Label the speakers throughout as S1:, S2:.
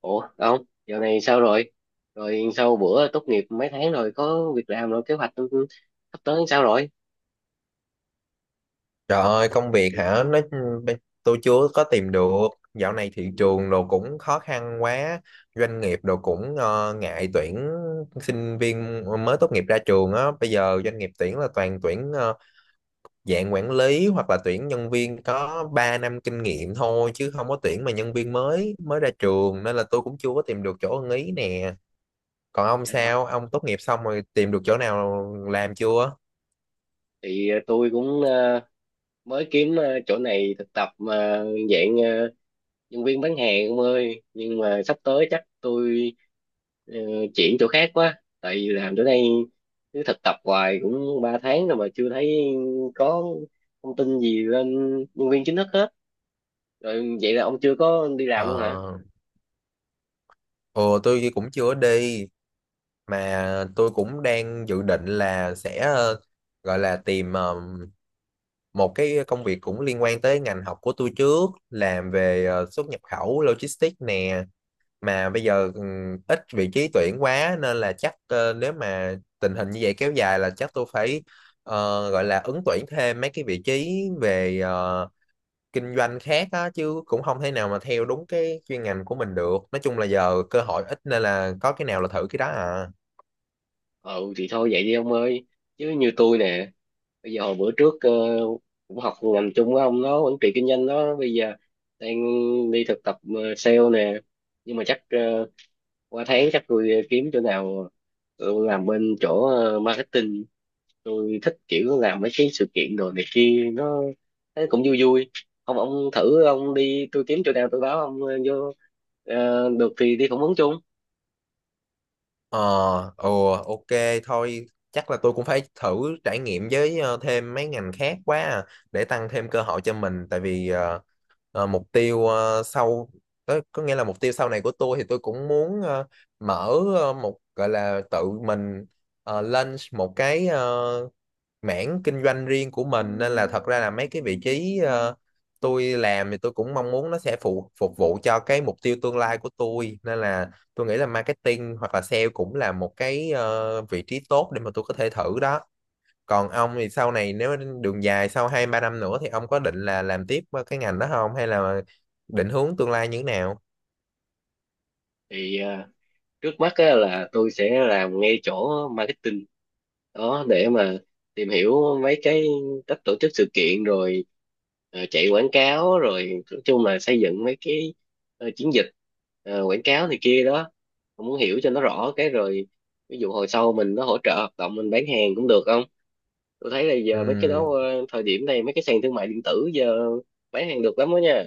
S1: Ủa không, giờ này sao rồi? Rồi sau bữa tốt nghiệp mấy tháng rồi có việc làm rồi kế hoạch sắp tới sao rồi?
S2: Trời ơi, công việc hả? Tôi chưa có tìm được. Dạo này thị
S1: Ừ,
S2: trường đồ cũng khó khăn quá, doanh nghiệp đồ cũng ngại tuyển sinh viên mới tốt nghiệp ra trường á. Bây giờ doanh nghiệp tuyển là toàn tuyển dạng quản lý hoặc là tuyển nhân viên có 3 năm kinh nghiệm thôi chứ không có tuyển mà nhân viên mới mới ra trường nên là tôi cũng chưa có tìm được chỗ ưng ý nè. Còn ông
S1: dạ.
S2: sao? Ông tốt nghiệp xong rồi tìm được chỗ nào làm chưa?
S1: Thì tôi cũng mới kiếm chỗ này thực tập mà dạng nhân viên bán hàng ông ơi, nhưng mà sắp tới chắc tôi ờ, chuyển chỗ khác quá, tại vì làm chỗ này cứ thực tập hoài cũng 3 tháng rồi mà chưa thấy có thông tin gì lên nhân viên chính thức hết. Rồi vậy là ông chưa có đi làm luôn hả?
S2: Ờ, ồ tôi cũng chưa đi mà tôi cũng đang dự định là sẽ gọi là tìm một cái công việc cũng liên quan tới ngành học của tôi trước làm về xuất nhập khẩu logistics nè mà bây giờ ít vị trí tuyển quá nên là chắc nếu mà tình hình như vậy kéo dài là chắc tôi phải ờ, gọi là ứng tuyển thêm mấy cái vị trí về kinh doanh khác á chứ cũng không thể nào mà theo đúng cái chuyên ngành của mình được. Nói chung là giờ cơ hội ít nên là có cái nào là thử cái đó à.
S1: Ừ thì thôi vậy đi ông ơi, chứ như tôi nè, bây giờ hồi bữa trước cũng học ngành chung với ông đó, quản trị kinh doanh đó, bây giờ đang đi thực tập sale nè, nhưng mà chắc qua tháng chắc tôi kiếm chỗ nào tôi làm bên chỗ marketing. Tôi thích kiểu làm mấy cái sự kiện đồ này kia, nó thấy cũng vui vui. Không ông thử, ông đi tôi kiếm chỗ nào tôi báo ông vô. Ờ, được thì đi phỏng vấn chung.
S2: Ờ, ừ, ok, thôi chắc là tôi cũng phải thử trải nghiệm với thêm mấy ngành khác quá à, để tăng thêm cơ hội cho mình tại vì mục tiêu sau có nghĩa là mục tiêu sau này của tôi thì tôi cũng muốn mở một gọi là tự mình lên một cái mảng kinh doanh riêng của mình nên là thật ra là mấy cái vị trí tôi làm thì tôi cũng mong muốn nó sẽ phục vụ cho cái mục tiêu tương lai của tôi nên là tôi nghĩ là marketing hoặc là sale cũng là một cái vị trí tốt để mà tôi có thể thử đó. Còn ông thì sau này nếu đường dài sau hai ba năm nữa thì ông có định là làm tiếp cái ngành đó không hay là định hướng tương lai như thế nào?
S1: Thì trước mắt á, là tôi sẽ làm ngay chỗ marketing đó để mà tìm hiểu mấy cái cách tổ chức sự kiện rồi chạy quảng cáo. Rồi nói chung là xây dựng mấy cái chiến dịch quảng cáo này kia đó. Tôi muốn hiểu cho nó rõ cái rồi, ví dụ hồi sau mình nó hỗ trợ hoạt động mình bán hàng cũng được không. Tôi thấy là giờ mấy cái đó,
S2: Ừ,
S1: thời điểm này mấy cái sàn thương mại điện tử giờ bán hàng được lắm đó nha.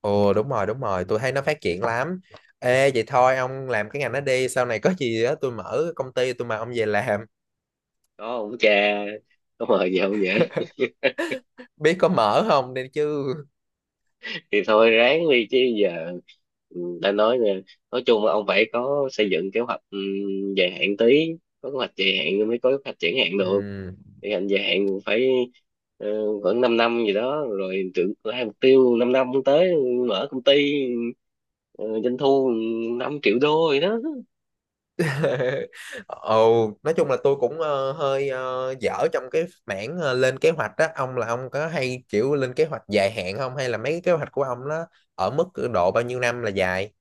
S2: ồ đúng rồi, đúng rồi, tôi thấy nó phát triển lắm. Ê vậy thôi ông làm cái ngành đó đi. Sau này có gì á tôi mở công ty tôi mời ông về làm,
S1: Có ông cha, có mời gì không vậy?
S2: biết có mở không đây chứ.
S1: Thì thôi ráng đi chứ giờ. Ừ, đã nói rồi, nói chung là ông phải có xây dựng kế hoạch, ừ, dài hạn tí. Có kế hoạch dài hạn mới có kế hoạch triển hạn được.
S2: Ừ.
S1: Thì hạn dài hạn phải ờ, khoảng 5 năm gì đó rồi. Tưởng hai mục tiêu 5 năm tới mở công ty, doanh thu 5 triệu đô gì đó.
S2: Ồ, nói chung là tôi cũng hơi dở trong cái mảng lên kế hoạch đó. Ông là ông có hay kiểu lên kế hoạch dài hạn không hay là mấy cái kế hoạch của ông nó ở mức độ bao nhiêu năm là dài?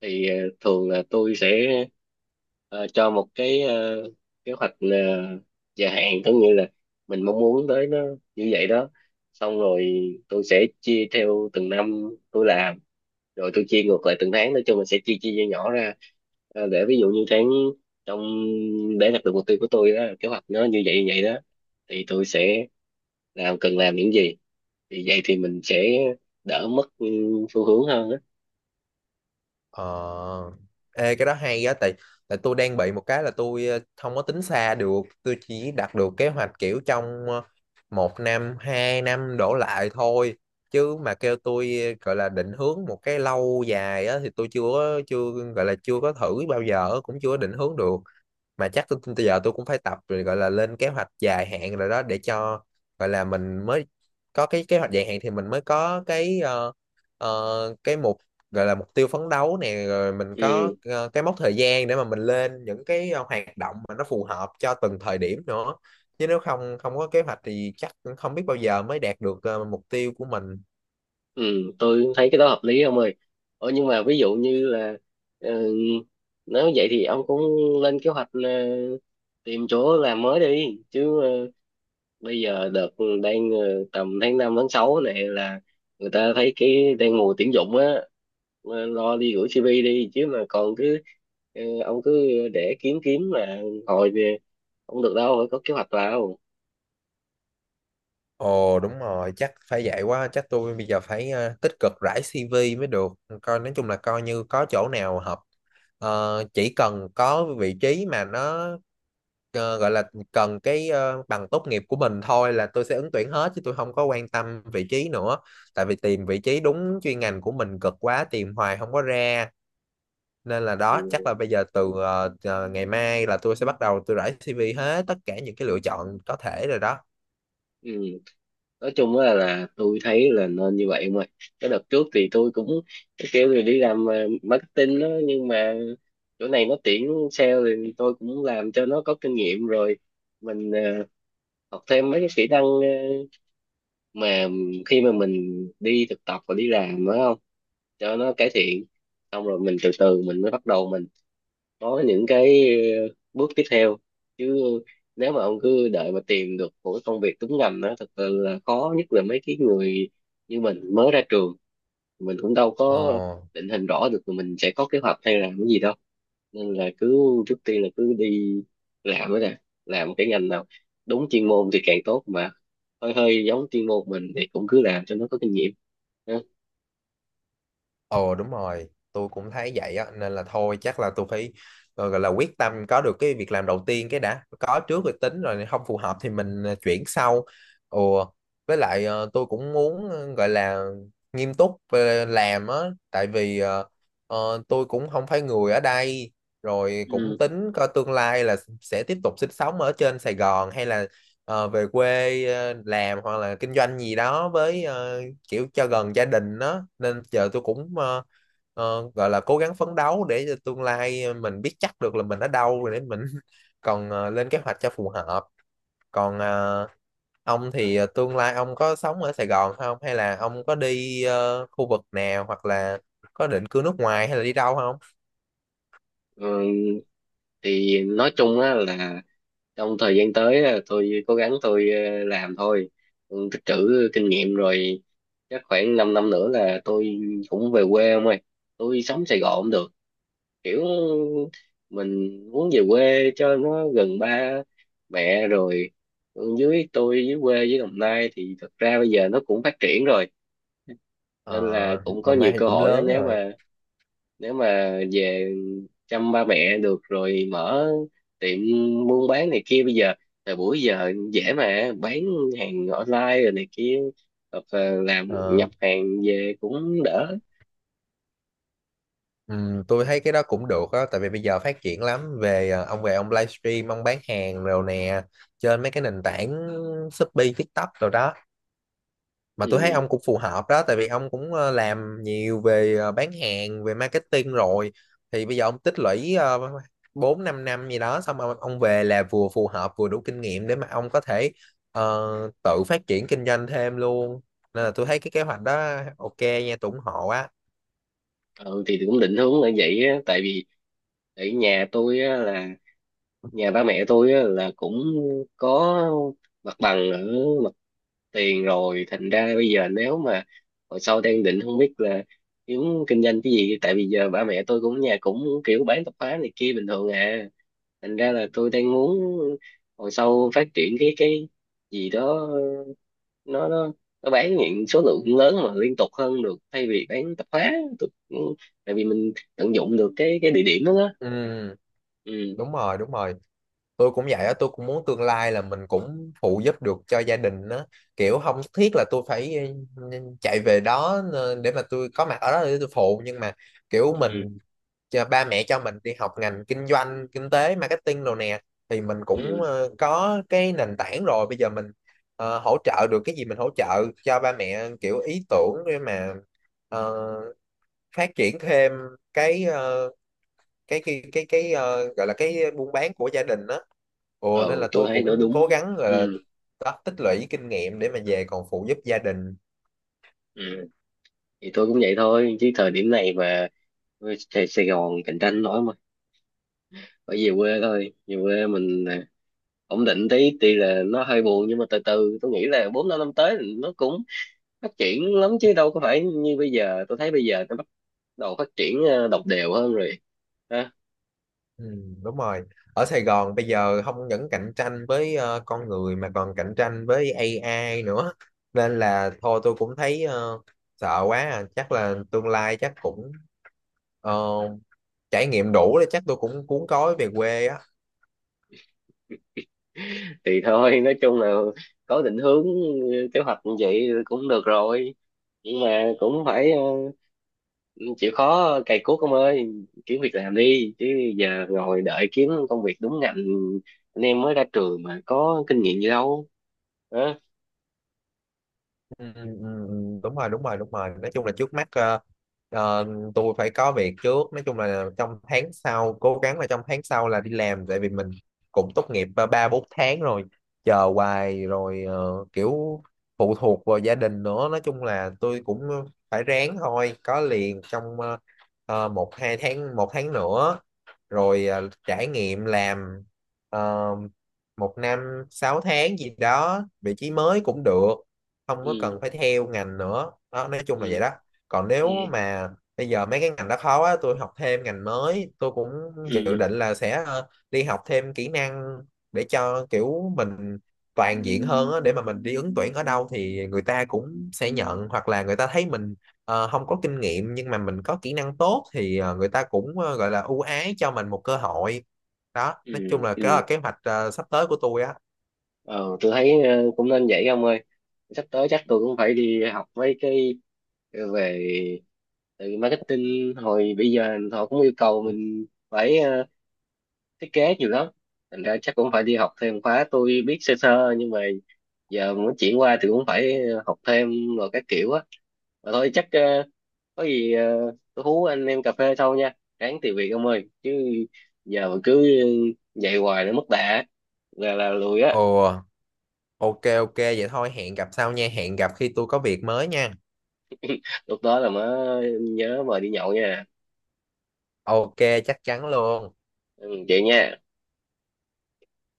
S1: Thì thường là tôi sẽ ờ, cho một cái kế hoạch dài hạn, có nghĩa là mình mong muốn tới nó như vậy đó. Xong rồi tôi sẽ chia theo từng năm tôi làm, rồi tôi chia ngược lại từng tháng, nói chung mình sẽ chia chia nhỏ ra. Để ví dụ như tháng trong, để đạt được mục tiêu của tôi đó, kế hoạch nó như vậy đó, thì tôi sẽ làm, cần làm những gì. Thì vậy thì mình sẽ đỡ mất, ừ, phương hướng hơn á.
S2: Ờ, ê cái đó hay á, tại tại tôi đang bị một cái là tôi không có tính xa được, tôi chỉ đặt được kế hoạch kiểu trong một năm, hai năm đổ lại thôi. Chứ mà kêu tôi gọi là định hướng một cái lâu dài á thì tôi chưa gọi là chưa có thử bao giờ, cũng chưa có định hướng được, mà chắc tôi giờ tôi cũng phải tập rồi gọi là lên kế hoạch dài hạn rồi đó, để cho gọi là mình mới có cái kế hoạch dài hạn thì mình mới có cái cái mục gọi là mục tiêu phấn đấu nè, rồi mình có
S1: Ừ.
S2: cái mốc thời gian để mà mình lên những cái hoạt động mà nó phù hợp cho từng thời điểm nữa. Chứ nếu không không có kế hoạch thì chắc cũng không biết bao giờ mới đạt được mục tiêu của mình.
S1: Ừ, tôi thấy cái đó hợp lý ông ơi. Nhưng mà ví dụ như là ờ, nếu vậy thì ông cũng lên kế hoạch tìm chỗ làm mới đi chứ. Ờ, Bây giờ đợt đang tầm tháng 5 tháng 6 này là người ta thấy cái đang mùa tuyển dụng á. Lo đi gửi CV đi chứ, mà còn cứ ông cứ để kiếm kiếm là hồi về không được đâu, phải có kế hoạch vào.
S2: Ồ đúng rồi, chắc phải vậy quá, chắc tôi bây giờ phải tích cực rải CV mới được. Coi nói chung là coi như có chỗ nào hợp. Ờ, chỉ cần có vị trí mà nó gọi là cần cái bằng tốt nghiệp của mình thôi là tôi sẽ ứng tuyển hết, chứ tôi không có quan tâm vị trí nữa. Tại vì tìm vị trí đúng chuyên ngành của mình cực quá, tìm hoài không có ra. Nên là
S1: Ừ.
S2: đó, chắc là bây giờ từ ngày mai là tôi sẽ bắt đầu tôi rải CV hết tất cả những cái lựa chọn có thể rồi đó.
S1: Ừ, nói chung là tôi thấy là nên như vậy. Mà cái đợt trước thì tôi cũng kêu là đi làm marketing đó, nhưng mà chỗ này nó tuyển sale thì tôi cũng làm cho nó có kinh nghiệm rồi, mình học thêm mấy cái kỹ năng mà khi mà mình đi thực tập và đi làm phải không, cho nó cải thiện. Xong rồi mình từ từ mình mới bắt đầu mình có những cái bước tiếp theo. Chứ nếu mà ông cứ đợi mà tìm được một cái công việc đúng ngành đó, thật sự là khó, nhất là mấy cái người như mình mới ra trường, mình cũng đâu
S2: Ồ.
S1: có định hình rõ được là mình sẽ có kế hoạch hay làm cái gì đâu. Nên là cứ trước tiên là cứ đi làm đó nè, làm cái ngành nào đúng chuyên môn thì càng tốt, mà hơi hơi giống chuyên môn mình thì cũng cứ làm cho nó có kinh nghiệm ha.
S2: Ồ đúng rồi, tôi cũng thấy vậy á nên là thôi chắc là tôi phải gọi là quyết tâm có được cái việc làm đầu tiên cái đã, có trước rồi tính, rồi không phù hợp thì mình chuyển sau. Ồ với lại tôi cũng muốn gọi là nghiêm túc về làm á, tại vì tôi cũng không phải người ở đây rồi cũng
S1: Ừ.
S2: tính coi tương lai là sẽ tiếp tục sinh sống ở trên Sài Gòn hay là về quê làm hoặc là kinh doanh gì đó, với kiểu cho gần gia đình đó, nên giờ tôi cũng gọi là cố gắng phấn đấu để cho tương lai mình biết chắc được là mình ở đâu rồi để mình còn lên kế hoạch cho phù hợp. Còn ông thì tương lai ông có sống ở Sài Gòn không hay là ông có đi khu vực nào hoặc là có định cư nước ngoài hay là đi đâu không?
S1: Ừ, thì nói chung á là trong thời gian tới à, tôi cố gắng tôi làm thôi. Ừ, tích trữ kinh nghiệm rồi chắc khoảng 5 năm năm nữa là tôi cũng về quê ông ơi. Tôi sống Sài Gòn cũng được, kiểu mình muốn về quê cho nó gần ba mẹ rồi. Ừ, dưới tôi dưới quê với Đồng Nai thì thật ra bây giờ nó cũng phát triển rồi, nên là
S2: Ờ,
S1: cũng có
S2: năm nay
S1: nhiều
S2: thì
S1: cơ
S2: cũng
S1: hội đó.
S2: lớn
S1: Nếu
S2: rồi.
S1: mà về chăm ba mẹ được rồi mở tiệm buôn bán này kia, bây giờ thời buổi giờ dễ mà bán hàng online rồi này kia, hoặc là làm
S2: Ờ,
S1: nhập hàng về cũng đỡ.
S2: ừ, tôi thấy cái đó cũng được á, tại vì bây giờ phát triển lắm về ông về ông livestream ông bán hàng rồi nè, trên mấy cái nền tảng Shopee, TikTok rồi đó. Mà tôi thấy
S1: Ừ.
S2: ông cũng phù hợp đó, tại vì ông cũng làm nhiều về bán hàng, về marketing rồi, thì bây giờ ông tích lũy uh, 4 5 năm gì đó xong ông về là vừa phù hợp vừa đủ kinh nghiệm để mà ông có thể ờ, tự phát triển kinh doanh thêm luôn. Nên là tôi thấy cái kế hoạch đó ok nha, tôi ủng hộ á.
S1: Ừ, thì cũng định hướng là vậy á. Tại vì ở nhà tôi á là nhà ba mẹ tôi á là cũng có mặt bằng ở tiền rồi, thành ra bây giờ nếu mà hồi sau đang định không biết là kiếm kinh doanh cái gì. Tại vì giờ ba mẹ tôi cũng nhà cũng kiểu bán tạp hóa này kia bình thường à, thành ra là tôi đang muốn hồi sau phát triển cái gì đó, nó nó nó bán những số lượng lớn mà liên tục hơn được, thay vì bán tạp hóa. Tôi, tại vì mình tận dụng được cái địa điểm đó, đó.
S2: Ừ,
S1: Ừ.
S2: đúng rồi, đúng rồi, tôi cũng vậy á, tôi cũng muốn tương lai là mình cũng phụ giúp được cho gia đình á, kiểu không thiết là tôi phải ừ, chạy về đó để mà tôi có mặt ở đó để tôi phụ, nhưng mà kiểu
S1: Ừ.
S2: mình cho ba mẹ cho mình đi học ngành kinh doanh, kinh tế, marketing đồ nè, thì mình
S1: Ừ.
S2: cũng
S1: Ừ.
S2: có cái nền tảng rồi, bây giờ mình hỗ trợ được cái gì mình hỗ trợ cho ba mẹ kiểu ý tưởng để mà ờ, phát triển thêm cái gọi là cái buôn bán của gia đình đó. Ồ nên
S1: Ừ,
S2: là
S1: tôi
S2: tôi
S1: thấy nó
S2: cũng
S1: đúng.
S2: cố gắng gọi là
S1: Ừ.
S2: đó, tích lũy kinh nghiệm để mà về còn phụ giúp gia đình.
S1: Ừ. Thì tôi cũng vậy thôi chứ thời điểm này mà Sài Sài Gòn cạnh tranh nổi mà, phải về quê thôi. Về quê mình à, ổn định tí, tuy là nó hơi buồn nhưng mà từ từ tôi nghĩ là bốn năm năm tới thì nó cũng phát triển lắm chứ đâu có phải như bây giờ. Tôi thấy bây giờ nó bắt đầu phát triển đồng đều hơn rồi.
S2: Ừ, đúng rồi. Ở Sài Gòn bây giờ không những cạnh tranh với con người mà còn cạnh tranh với AI nữa, nên là thôi tôi cũng thấy sợ quá à. Chắc là tương lai chắc cũng ờ, trải nghiệm đủ để chắc tôi cũng cuốn gói về quê á.
S1: Thì thôi nói chung là có định hướng, ừ, kế hoạch như vậy cũng được rồi, nhưng mà cũng phải chịu khó cày cuốc ông ơi, kiếm việc làm đi chứ. Giờ ngồi đợi kiếm công việc đúng ngành, anh em mới ra trường mà có kinh nghiệm gì đâu, hả?
S2: Ừ, ừ, ừ, ừ, đúng rồi, đúng rồi, đúng rồi. Nói chung là trước mắt ờ, tôi phải có việc trước, nói chung là trong tháng sau cố gắng là trong tháng sau là đi làm, tại vì mình cũng tốt nghiệp ba bốn tháng rồi, chờ hoài rồi kiểu phụ thuộc vào gia đình nữa, nói chung là tôi cũng phải ráng thôi, có liền trong một hai tháng, một tháng nữa rồi à, trải nghiệm làm ờ, một năm, sáu tháng gì đó vị trí mới cũng được, không có cần
S1: Ừ.
S2: phải theo ngành nữa đó, nói chung
S1: Ừ.
S2: là vậy đó. Còn
S1: Ừ.
S2: nếu mà bây giờ mấy cái ngành đó khó quá tôi học thêm ngành mới, tôi cũng dự
S1: Ừ.
S2: định là sẽ đi học thêm kỹ năng để cho kiểu mình toàn diện hơn á, để mà mình đi ứng tuyển ở đâu thì người ta cũng sẽ nhận, hoặc là người ta thấy mình không có kinh nghiệm nhưng mà mình có kỹ năng tốt thì người ta cũng gọi là ưu ái cho mình một cơ hội đó. Nói chung
S1: Ừ.
S2: là cái là
S1: Ừ.
S2: kế hoạch sắp tới của tôi á.
S1: ờ tôi thấy cũng nên vậy ông ơi. Sắp tới chắc tôi cũng phải đi học mấy cái về từ marketing hồi bây giờ họ cũng yêu cầu mình phải thiết kế nhiều lắm, thành ra chắc cũng phải đi học thêm khóa. Tôi biết sơ sơ nhưng mà giờ muốn chuyển qua thì cũng phải học thêm rồi các kiểu á. Mà thôi chắc có gì tôi hú anh em cà phê sau nha, ráng tìm việc ông ơi chứ giờ mà cứ dạy hoài nó mất đà, là lùi á.
S2: Ồ ok, ok vậy thôi, hẹn gặp sau nha, hẹn gặp khi tôi có việc mới nha.
S1: Lúc đó là mới nhớ mời đi nhậu nha.
S2: Ok, chắc chắn luôn.
S1: Ừ, vậy nha.